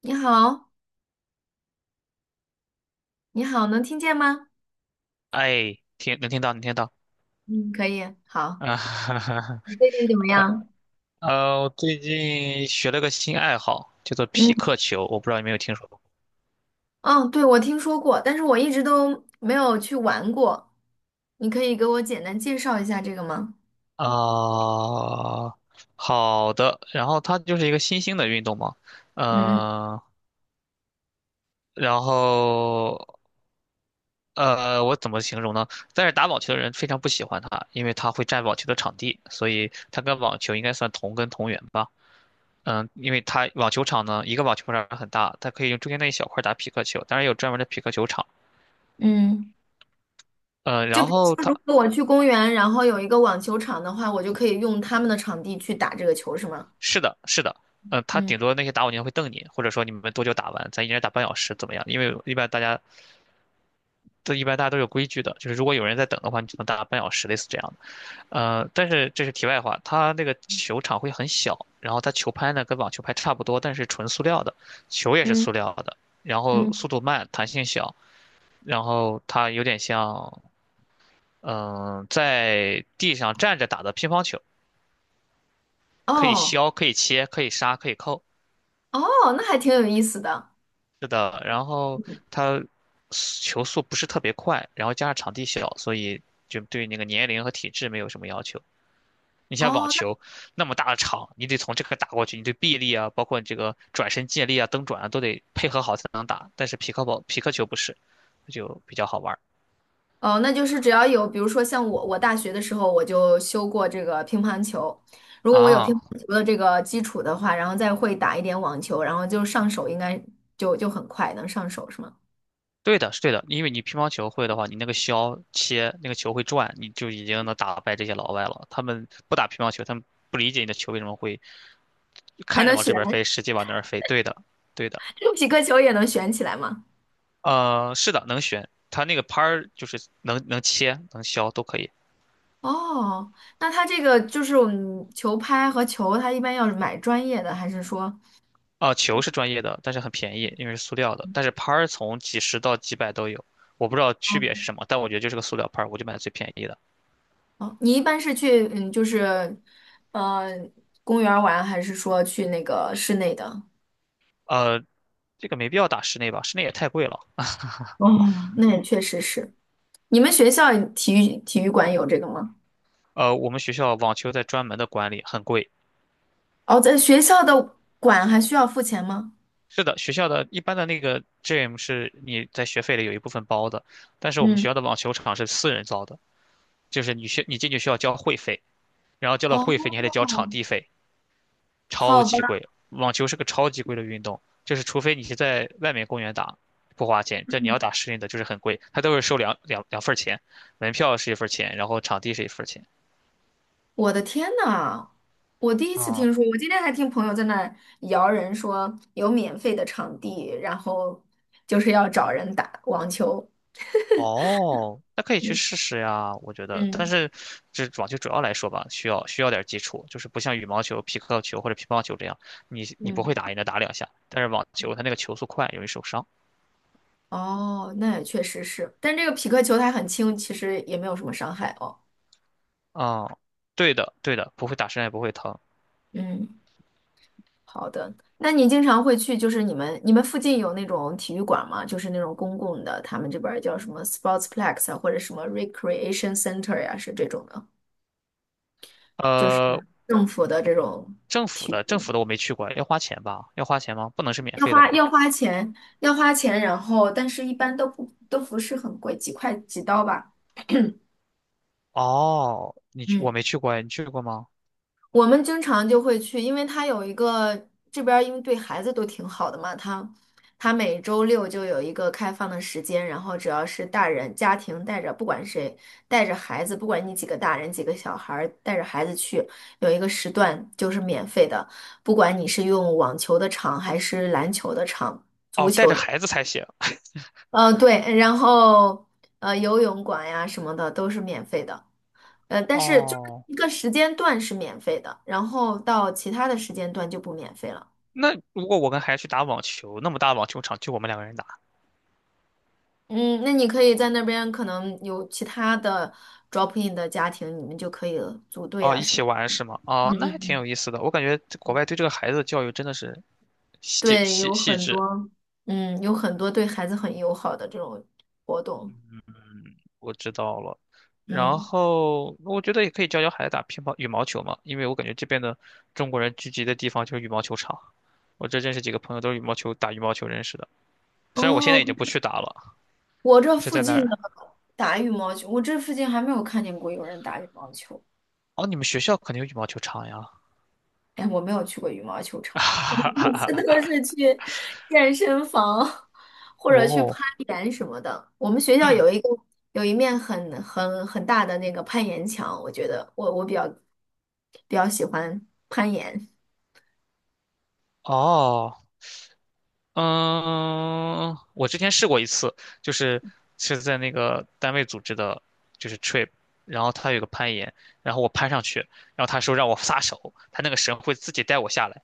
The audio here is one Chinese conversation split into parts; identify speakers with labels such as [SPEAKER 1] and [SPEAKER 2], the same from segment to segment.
[SPEAKER 1] 你好，你好，能听见吗？
[SPEAKER 2] 哎，能听到，能听到
[SPEAKER 1] 嗯，可以，好。
[SPEAKER 2] 啊，哈哈哈。
[SPEAKER 1] 你最近怎么样？
[SPEAKER 2] 我最近学了个新爱好，叫做匹
[SPEAKER 1] 嗯，
[SPEAKER 2] 克球，我不知道你有没有听说过
[SPEAKER 1] 哦，对，我听说过，但是我一直都没有去玩过。你可以给我简单介绍一下这个吗？
[SPEAKER 2] 啊。好的，然后它就是一个新兴的运动嘛，
[SPEAKER 1] 嗯
[SPEAKER 2] 嗯、然后我怎么形容呢？但是打网球的人非常不喜欢它，因为它会占网球的场地，所以它跟网球应该算同根同源吧。因为它网球场呢，一个网球场很大，它可以用中间那一小块打匹克球，当然有专门的匹克球场。
[SPEAKER 1] 嗯。
[SPEAKER 2] 嗯，
[SPEAKER 1] 就
[SPEAKER 2] 然
[SPEAKER 1] 比如
[SPEAKER 2] 后
[SPEAKER 1] 说，如果我去公园，然后有一个网球场的话，我就可以用他们的场地去打这个球，是吗？
[SPEAKER 2] 是的，是的。他
[SPEAKER 1] 嗯
[SPEAKER 2] 顶多那些打火机会瞪你，或者说你们多久打完，咱一人打半小时怎么样？因为一般大家都有规矩的，就是如果有人在等的话，你只能打半小时，类似这样的。但是这是题外话，他那个球场会很小，然后他球拍呢跟网球拍差不多，但是纯塑料的，球也是
[SPEAKER 1] 嗯
[SPEAKER 2] 塑料的，然后
[SPEAKER 1] 嗯。
[SPEAKER 2] 速度慢，弹性小，然后它有点像在地上站着打的乒乓球，可以
[SPEAKER 1] 哦，
[SPEAKER 2] 削，可以切，可以杀，可以扣。
[SPEAKER 1] 哦，那还挺有意思的。
[SPEAKER 2] 是的，然后
[SPEAKER 1] 嗯。
[SPEAKER 2] 他球速不是特别快，然后加上场地小，所以就对那个年龄和体质没有什么要求。你像网
[SPEAKER 1] 哦，
[SPEAKER 2] 球那么大的场，你得从这个打过去，你对臂力啊，包括你这个转身借力啊、蹬转啊，都得配合好才能打。但是匹克球不是，就比较好玩儿
[SPEAKER 1] 哦，那就是只要有，比如说像我，我大学的时候我就修过这个乒乓球，如果我有乒
[SPEAKER 2] 啊。
[SPEAKER 1] 乓球的这个基础的话，然后再会打一点网球，然后就上手应该就很快能上手是吗？
[SPEAKER 2] 对的，是对的，因为你乒乓球会的话，你那个削切那个球会转，你就已经能打败这些老外了。他们不打乒乓球，他们不理解你的球为什么会。
[SPEAKER 1] 还
[SPEAKER 2] 看着
[SPEAKER 1] 能
[SPEAKER 2] 往
[SPEAKER 1] 旋，
[SPEAKER 2] 这边飞，实际往那儿飞。对的，对的，
[SPEAKER 1] 几个球也能旋起来吗？
[SPEAKER 2] 是的，能旋，它那个拍儿就是能切、能削都可以。
[SPEAKER 1] 哦，那它这个就是我们球拍和球，它一般要买专业的，还是说，
[SPEAKER 2] 啊，球是专业的，但是很便宜，因为是塑料的。但是拍儿从几十到几百都有，我不知道区别是
[SPEAKER 1] 哦
[SPEAKER 2] 什么，但我觉得就是个塑料拍儿，我就买最便宜的。
[SPEAKER 1] 哦，你一般是去嗯，就是，呃，公园儿玩，还是说去那个室内的？
[SPEAKER 2] 呃，这个没必要打室内吧，室内也太贵了。
[SPEAKER 1] 哦，那也确实是。你们学校体育馆有这个吗？
[SPEAKER 2] 我们学校网球在专门的管理，很贵。
[SPEAKER 1] 哦，在学校的馆还需要付钱吗？
[SPEAKER 2] 是的，学校的一般的那个 gym 是你在学费里有一部分包的，但是我们
[SPEAKER 1] 嗯，
[SPEAKER 2] 学校的网球场是私人造的，就是你进去需要交会费。然后交了会费，
[SPEAKER 1] 哦，
[SPEAKER 2] 你还得交场地费，超
[SPEAKER 1] 好吧。
[SPEAKER 2] 级贵。网球是个超级贵的运动，就是除非你是在外面公园打，不花钱，但你要打室内的就是很贵，它都是收两份儿钱，门票是一份儿钱，然后场地是一份儿钱。
[SPEAKER 1] 我的天呐，我第一次
[SPEAKER 2] 啊，
[SPEAKER 1] 听说，我今天还听朋友在那摇人说有免费的场地，然后就是要找人打网球。
[SPEAKER 2] 哦，那可以去
[SPEAKER 1] 嗯，
[SPEAKER 2] 试试呀，我觉得。但
[SPEAKER 1] 嗯
[SPEAKER 2] 是，这网球主要来说吧，需要点基础，就是不像羽毛球、皮克球或者乒乓球这样，你不会
[SPEAKER 1] 嗯，
[SPEAKER 2] 打也能打两下。但是网球它那个球速快，容易受伤。
[SPEAKER 1] 哦，那也确实是，但这个匹克球它很轻，其实也没有什么伤害哦。
[SPEAKER 2] 啊、对的，对的，不会打身上也不会疼。
[SPEAKER 1] 嗯。好的，那你经常会去，就是你们附近有那种体育馆吗？就是那种公共的，他们这边儿叫什么 sportsplex 啊，或者什么 recreation center 呀，是这种的，就是
[SPEAKER 2] 呃，
[SPEAKER 1] 政府的这种
[SPEAKER 2] 政府
[SPEAKER 1] 体
[SPEAKER 2] 的政
[SPEAKER 1] 育，
[SPEAKER 2] 府的我没去过，要花钱吧？要花钱吗？不能是免
[SPEAKER 1] 要
[SPEAKER 2] 费的
[SPEAKER 1] 花
[SPEAKER 2] 吧？
[SPEAKER 1] 要花钱，要花钱，然后但是一般都不是很贵，几块几刀吧。
[SPEAKER 2] 哦，你去我
[SPEAKER 1] 嗯。
[SPEAKER 2] 没去过，你去过吗？
[SPEAKER 1] 我们经常就会去，因为他有一个这边，因为对孩子都挺好的嘛，他每周六就有一个开放的时间，然后只要是大人家庭带着，不管谁带着孩子，不管你几个大人几个小孩儿，带着孩子去，有一个时段就是免费的，不管你是用网球的场还是篮球的场，足
[SPEAKER 2] 哦，带
[SPEAKER 1] 球
[SPEAKER 2] 着
[SPEAKER 1] 的，
[SPEAKER 2] 孩子才行。
[SPEAKER 1] 呃，对，然后游泳馆呀什么的都是免费的。但是就是
[SPEAKER 2] 哦，
[SPEAKER 1] 一个时间段是免费的，然后到其他的时间段就不免费了。
[SPEAKER 2] 那如果我跟孩子去打网球，那么大网球场就我们两个人打，
[SPEAKER 1] 嗯，那你可以在那边可能有其他的 drop in 的家庭，你们就可以组队
[SPEAKER 2] 哦，
[SPEAKER 1] 啊
[SPEAKER 2] 一
[SPEAKER 1] 什么
[SPEAKER 2] 起
[SPEAKER 1] 的。
[SPEAKER 2] 玩是吗？
[SPEAKER 1] 嗯
[SPEAKER 2] 哦，那
[SPEAKER 1] 嗯
[SPEAKER 2] 还挺
[SPEAKER 1] 嗯。
[SPEAKER 2] 有意思的。我感觉这国外对这个孩子的教育真的是细
[SPEAKER 1] 对，
[SPEAKER 2] 细细致。
[SPEAKER 1] 有很多对孩子很友好的这种活动。
[SPEAKER 2] 嗯，我知道了。然
[SPEAKER 1] 嗯，
[SPEAKER 2] 后我觉得也可以教教孩子打乒乓羽毛球嘛，因为我感觉这边的中国人聚集的地方就是羽毛球场。我这认识几个朋友都是羽毛球打羽毛球认识的，虽然我现
[SPEAKER 1] 哦，
[SPEAKER 2] 在已经不去打了，
[SPEAKER 1] 我这
[SPEAKER 2] 是
[SPEAKER 1] 附
[SPEAKER 2] 在那
[SPEAKER 1] 近
[SPEAKER 2] 儿。
[SPEAKER 1] 的打羽毛球，我这附近还没有看见过有人打羽毛球。
[SPEAKER 2] 哦，你们学校肯定有羽毛球场呀。
[SPEAKER 1] 哎，我没有去过羽毛球场，我每次都 是去健身房或者去攀
[SPEAKER 2] 哦，
[SPEAKER 1] 岩什么的。我们学校
[SPEAKER 2] 嗯，
[SPEAKER 1] 有一个有一面很大的那个攀岩墙，我觉得我比较喜欢攀岩。
[SPEAKER 2] 哦。嗯，我之前试过一次，就是在那个单位组织的，就是 trip，然后他有个攀岩，然后我攀上去，然后他说让我撒手，他那个绳会自己带我下来，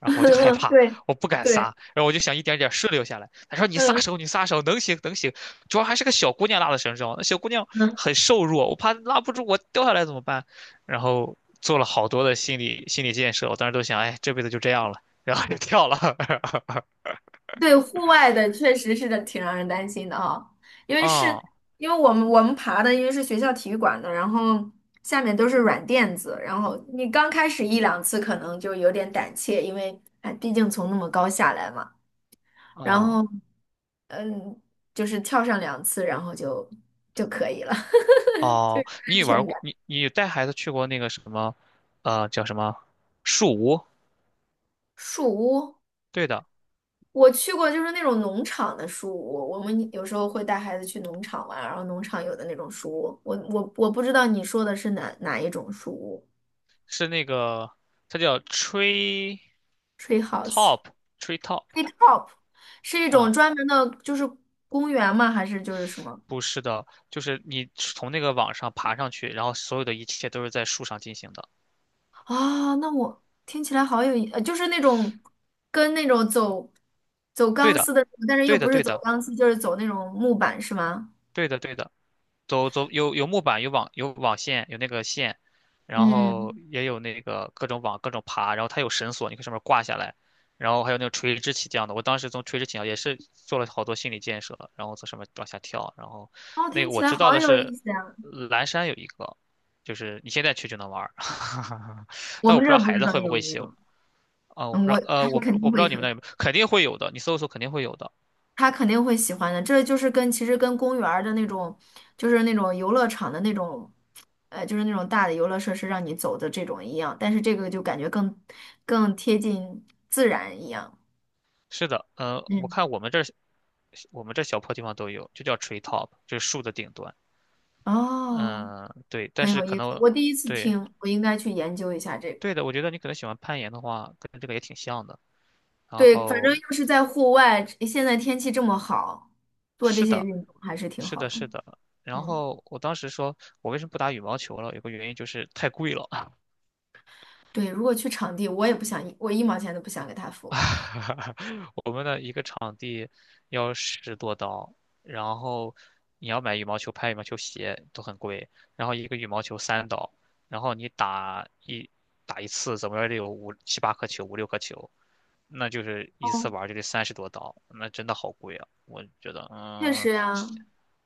[SPEAKER 2] 然后我就害 怕，
[SPEAKER 1] 对
[SPEAKER 2] 我不敢
[SPEAKER 1] 对，
[SPEAKER 2] 撒，然后我就想一点点顺溜下来。他说你撒
[SPEAKER 1] 嗯
[SPEAKER 2] 手，你撒手，能行能行，主要还是个小姑娘拉的绳绳，那小姑娘
[SPEAKER 1] 嗯。
[SPEAKER 2] 很瘦弱，我怕拉不住，我掉下来怎么办？然后做了好多的心理建设，我当时都想，哎，这辈子就这样了，然后就跳了，
[SPEAKER 1] 对，户外的确实是的，挺让人担心的哈，因为是
[SPEAKER 2] 嗯。
[SPEAKER 1] 因为我们爬的，因为是学校体育馆的，然后下面都是软垫子，然后你刚开始一两次可能就有点胆怯，因为哎，毕竟从那么高下来嘛，然
[SPEAKER 2] 哦
[SPEAKER 1] 后就是跳上两次，然后就可以了，就
[SPEAKER 2] 哦，
[SPEAKER 1] 有
[SPEAKER 2] 你
[SPEAKER 1] 安
[SPEAKER 2] 也玩
[SPEAKER 1] 全
[SPEAKER 2] 过，
[SPEAKER 1] 感。
[SPEAKER 2] 你带孩子去过那个什么，叫什么树屋？
[SPEAKER 1] 树屋，
[SPEAKER 2] 对的，
[SPEAKER 1] 我去过，就是那种农场的书屋，我们有时候会带孩子去农场玩，然后农场有的那种书屋，我不知道你说的是哪一种书屋
[SPEAKER 2] 是那个，它叫
[SPEAKER 1] ，tree house，
[SPEAKER 2] top tree top
[SPEAKER 1] 是是一种
[SPEAKER 2] 啊，
[SPEAKER 1] 专门的，就是公园吗？还是就是什么？
[SPEAKER 2] 不是的，就是你从那个网上爬上去，然后所有的一切都是在树上进行的。
[SPEAKER 1] 啊，那我听起来好有意，就是那种跟那种走
[SPEAKER 2] 对
[SPEAKER 1] 钢丝
[SPEAKER 2] 的，
[SPEAKER 1] 的，但是又
[SPEAKER 2] 对的，
[SPEAKER 1] 不是
[SPEAKER 2] 对
[SPEAKER 1] 走
[SPEAKER 2] 的，
[SPEAKER 1] 钢丝，就是走那种木板，是吗？
[SPEAKER 2] 对的，对的。走有木板，有网有网线，有那个线，然后
[SPEAKER 1] 嗯，
[SPEAKER 2] 也有那个各种网各种爬，然后它有绳索，你可以上面挂下来，然后还有那个垂直起降的。我当时从垂直起降也是做了好多心理建设，然后从上面往下跳，然后
[SPEAKER 1] 哦，
[SPEAKER 2] 那
[SPEAKER 1] 听
[SPEAKER 2] 个
[SPEAKER 1] 起
[SPEAKER 2] 我
[SPEAKER 1] 来
[SPEAKER 2] 知道
[SPEAKER 1] 好
[SPEAKER 2] 的
[SPEAKER 1] 有意
[SPEAKER 2] 是
[SPEAKER 1] 思呀，
[SPEAKER 2] 蓝山有一个，就是你现在去就能玩儿，
[SPEAKER 1] 我
[SPEAKER 2] 但我
[SPEAKER 1] 们
[SPEAKER 2] 不
[SPEAKER 1] 这
[SPEAKER 2] 知道
[SPEAKER 1] 儿不
[SPEAKER 2] 孩
[SPEAKER 1] 知
[SPEAKER 2] 子
[SPEAKER 1] 道
[SPEAKER 2] 会不
[SPEAKER 1] 有
[SPEAKER 2] 会
[SPEAKER 1] 没
[SPEAKER 2] 修
[SPEAKER 1] 有。
[SPEAKER 2] 啊，我
[SPEAKER 1] 嗯，
[SPEAKER 2] 不知道呃
[SPEAKER 1] 他
[SPEAKER 2] 我不
[SPEAKER 1] 肯
[SPEAKER 2] 我
[SPEAKER 1] 定
[SPEAKER 2] 不知
[SPEAKER 1] 会
[SPEAKER 2] 道你们那
[SPEAKER 1] 很。
[SPEAKER 2] 有没有，肯定会有的，你搜一搜肯定会有的。
[SPEAKER 1] 他肯定会喜欢的。这就是其实跟公园儿的那种，就是那种游乐场的那种，就是那种大的游乐设施让你走的这种一样，但是这个就感觉更贴近自然一样。
[SPEAKER 2] 是的，我
[SPEAKER 1] 嗯，
[SPEAKER 2] 看我们这儿，我们这小破地方都有，就叫 tree top，就是树的顶端。
[SPEAKER 1] 哦，
[SPEAKER 2] 嗯，对，但
[SPEAKER 1] 很
[SPEAKER 2] 是
[SPEAKER 1] 有
[SPEAKER 2] 可
[SPEAKER 1] 意思，
[SPEAKER 2] 能。
[SPEAKER 1] 我第一次
[SPEAKER 2] 对
[SPEAKER 1] 听，我应该去研究一下这个。
[SPEAKER 2] 对的，我觉得你可能喜欢攀岩的话，跟这个也挺像的。然
[SPEAKER 1] 对，反正
[SPEAKER 2] 后
[SPEAKER 1] 又是在户外，现在天气这么好，做这
[SPEAKER 2] 是
[SPEAKER 1] 些
[SPEAKER 2] 的，
[SPEAKER 1] 运动还是挺
[SPEAKER 2] 是
[SPEAKER 1] 好
[SPEAKER 2] 的，
[SPEAKER 1] 的。
[SPEAKER 2] 是的。然
[SPEAKER 1] 嗯，
[SPEAKER 2] 后我当时说，我为什么不打羽毛球了？有个原因就是太贵了。
[SPEAKER 1] 对，如果去场地，我一毛钱都不想给他付。
[SPEAKER 2] 我们的一个场地要10多刀，然后你要买羽毛球拍、羽毛球鞋都很贵，然后一个羽毛球3刀，然后你打一次，怎么着也得有5、7、8颗球、5、6颗球，那就是一次
[SPEAKER 1] 哦，
[SPEAKER 2] 玩儿就得30多刀，那真的好贵啊！我觉得，
[SPEAKER 1] 确实呀。
[SPEAKER 2] 是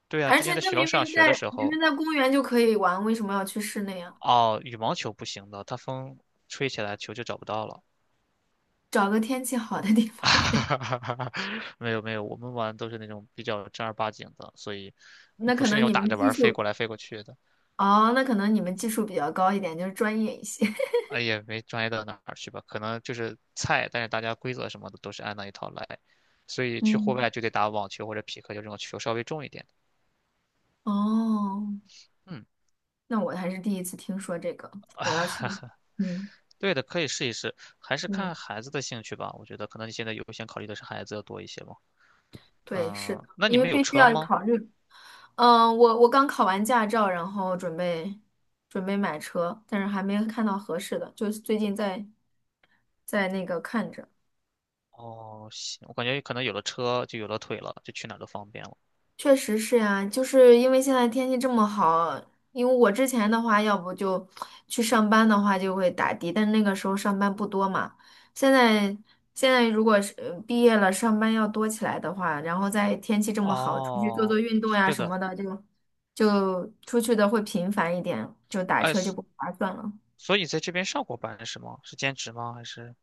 [SPEAKER 2] 对啊，
[SPEAKER 1] 而
[SPEAKER 2] 之
[SPEAKER 1] 且
[SPEAKER 2] 前在
[SPEAKER 1] 那
[SPEAKER 2] 学校
[SPEAKER 1] 明
[SPEAKER 2] 上
[SPEAKER 1] 明
[SPEAKER 2] 学的
[SPEAKER 1] 在
[SPEAKER 2] 时
[SPEAKER 1] 明明
[SPEAKER 2] 候，
[SPEAKER 1] 在公园就可以玩，为什么要去室内啊？
[SPEAKER 2] 哦，羽毛球不行的，它风吹起来球就找不到了。
[SPEAKER 1] 找个天气好的地方。
[SPEAKER 2] 没有没有，我们玩都是那种比较正儿八经的，所以 也
[SPEAKER 1] 那
[SPEAKER 2] 不
[SPEAKER 1] 可
[SPEAKER 2] 是那
[SPEAKER 1] 能
[SPEAKER 2] 种
[SPEAKER 1] 你
[SPEAKER 2] 打
[SPEAKER 1] 们
[SPEAKER 2] 着玩
[SPEAKER 1] 技
[SPEAKER 2] 儿飞
[SPEAKER 1] 术
[SPEAKER 2] 过来飞过去的，
[SPEAKER 1] 哦，那可能你们技术比较高一点，就是专业一些。
[SPEAKER 2] 哎，也没专业到哪儿去吧，可能就是菜，但是大家规则什么的都是按那一套来，所以去户
[SPEAKER 1] 嗯，
[SPEAKER 2] 外就得打网球或者匹克，就这种球稍微重一点的
[SPEAKER 1] 哦，
[SPEAKER 2] 嗯，
[SPEAKER 1] 那我还是第一次听说这个，我要去。嗯
[SPEAKER 2] 对的，可以试一试，还是
[SPEAKER 1] 嗯，
[SPEAKER 2] 看孩子的兴趣吧。我觉得可能你现在优先考虑的是孩子要多一些吧。
[SPEAKER 1] 对，是的，
[SPEAKER 2] 嗯，那你
[SPEAKER 1] 因为
[SPEAKER 2] 们有
[SPEAKER 1] 必须
[SPEAKER 2] 车
[SPEAKER 1] 要
[SPEAKER 2] 吗？
[SPEAKER 1] 考虑。嗯，我刚考完驾照，然后准备买车，但是还没看到合适的，就是最近在那个看着。
[SPEAKER 2] 哦，行，我感觉可能有了车就有了腿了，就去哪儿都方便了。
[SPEAKER 1] 确实是呀，就是因为现在天气这么好，因为我之前的话，要不就去上班的话就会打的，但那个时候上班不多嘛。现在现在如果是毕业了，上班要多起来的话，然后在天气这么好，出去做
[SPEAKER 2] 哦。
[SPEAKER 1] 做运动呀
[SPEAKER 2] 是
[SPEAKER 1] 什
[SPEAKER 2] 的，
[SPEAKER 1] 么的，就出去的会频繁一点，就打
[SPEAKER 2] 哎，
[SPEAKER 1] 车就不划算了。
[SPEAKER 2] 所以你在这边上过班是吗？是兼职吗？还是？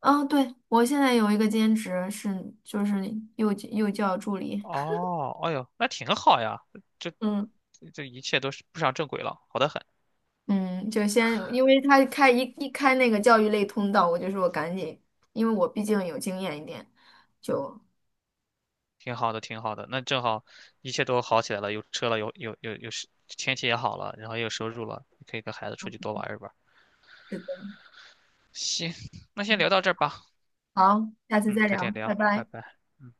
[SPEAKER 1] 嗯，对，我现在有一个兼职是就是幼教助理，
[SPEAKER 2] 哦，哎呦，那挺好呀，这
[SPEAKER 1] 嗯。
[SPEAKER 2] 这一切都是步上正轨了，好得很，
[SPEAKER 1] 嗯，就先，因为他一开那个教育类通道，我就说我赶紧，因为我毕竟有经验一点，就，
[SPEAKER 2] 挺好的，挺好的。那正好一切都好起来了，有车了，有时，天气也好了，然后也有收入了，可以跟孩子出去多玩一玩。
[SPEAKER 1] 是的，
[SPEAKER 2] 行，那先聊到这儿吧，
[SPEAKER 1] 好，下次
[SPEAKER 2] 嗯，
[SPEAKER 1] 再
[SPEAKER 2] 改天
[SPEAKER 1] 聊，拜
[SPEAKER 2] 聊，拜
[SPEAKER 1] 拜。
[SPEAKER 2] 拜。嗯。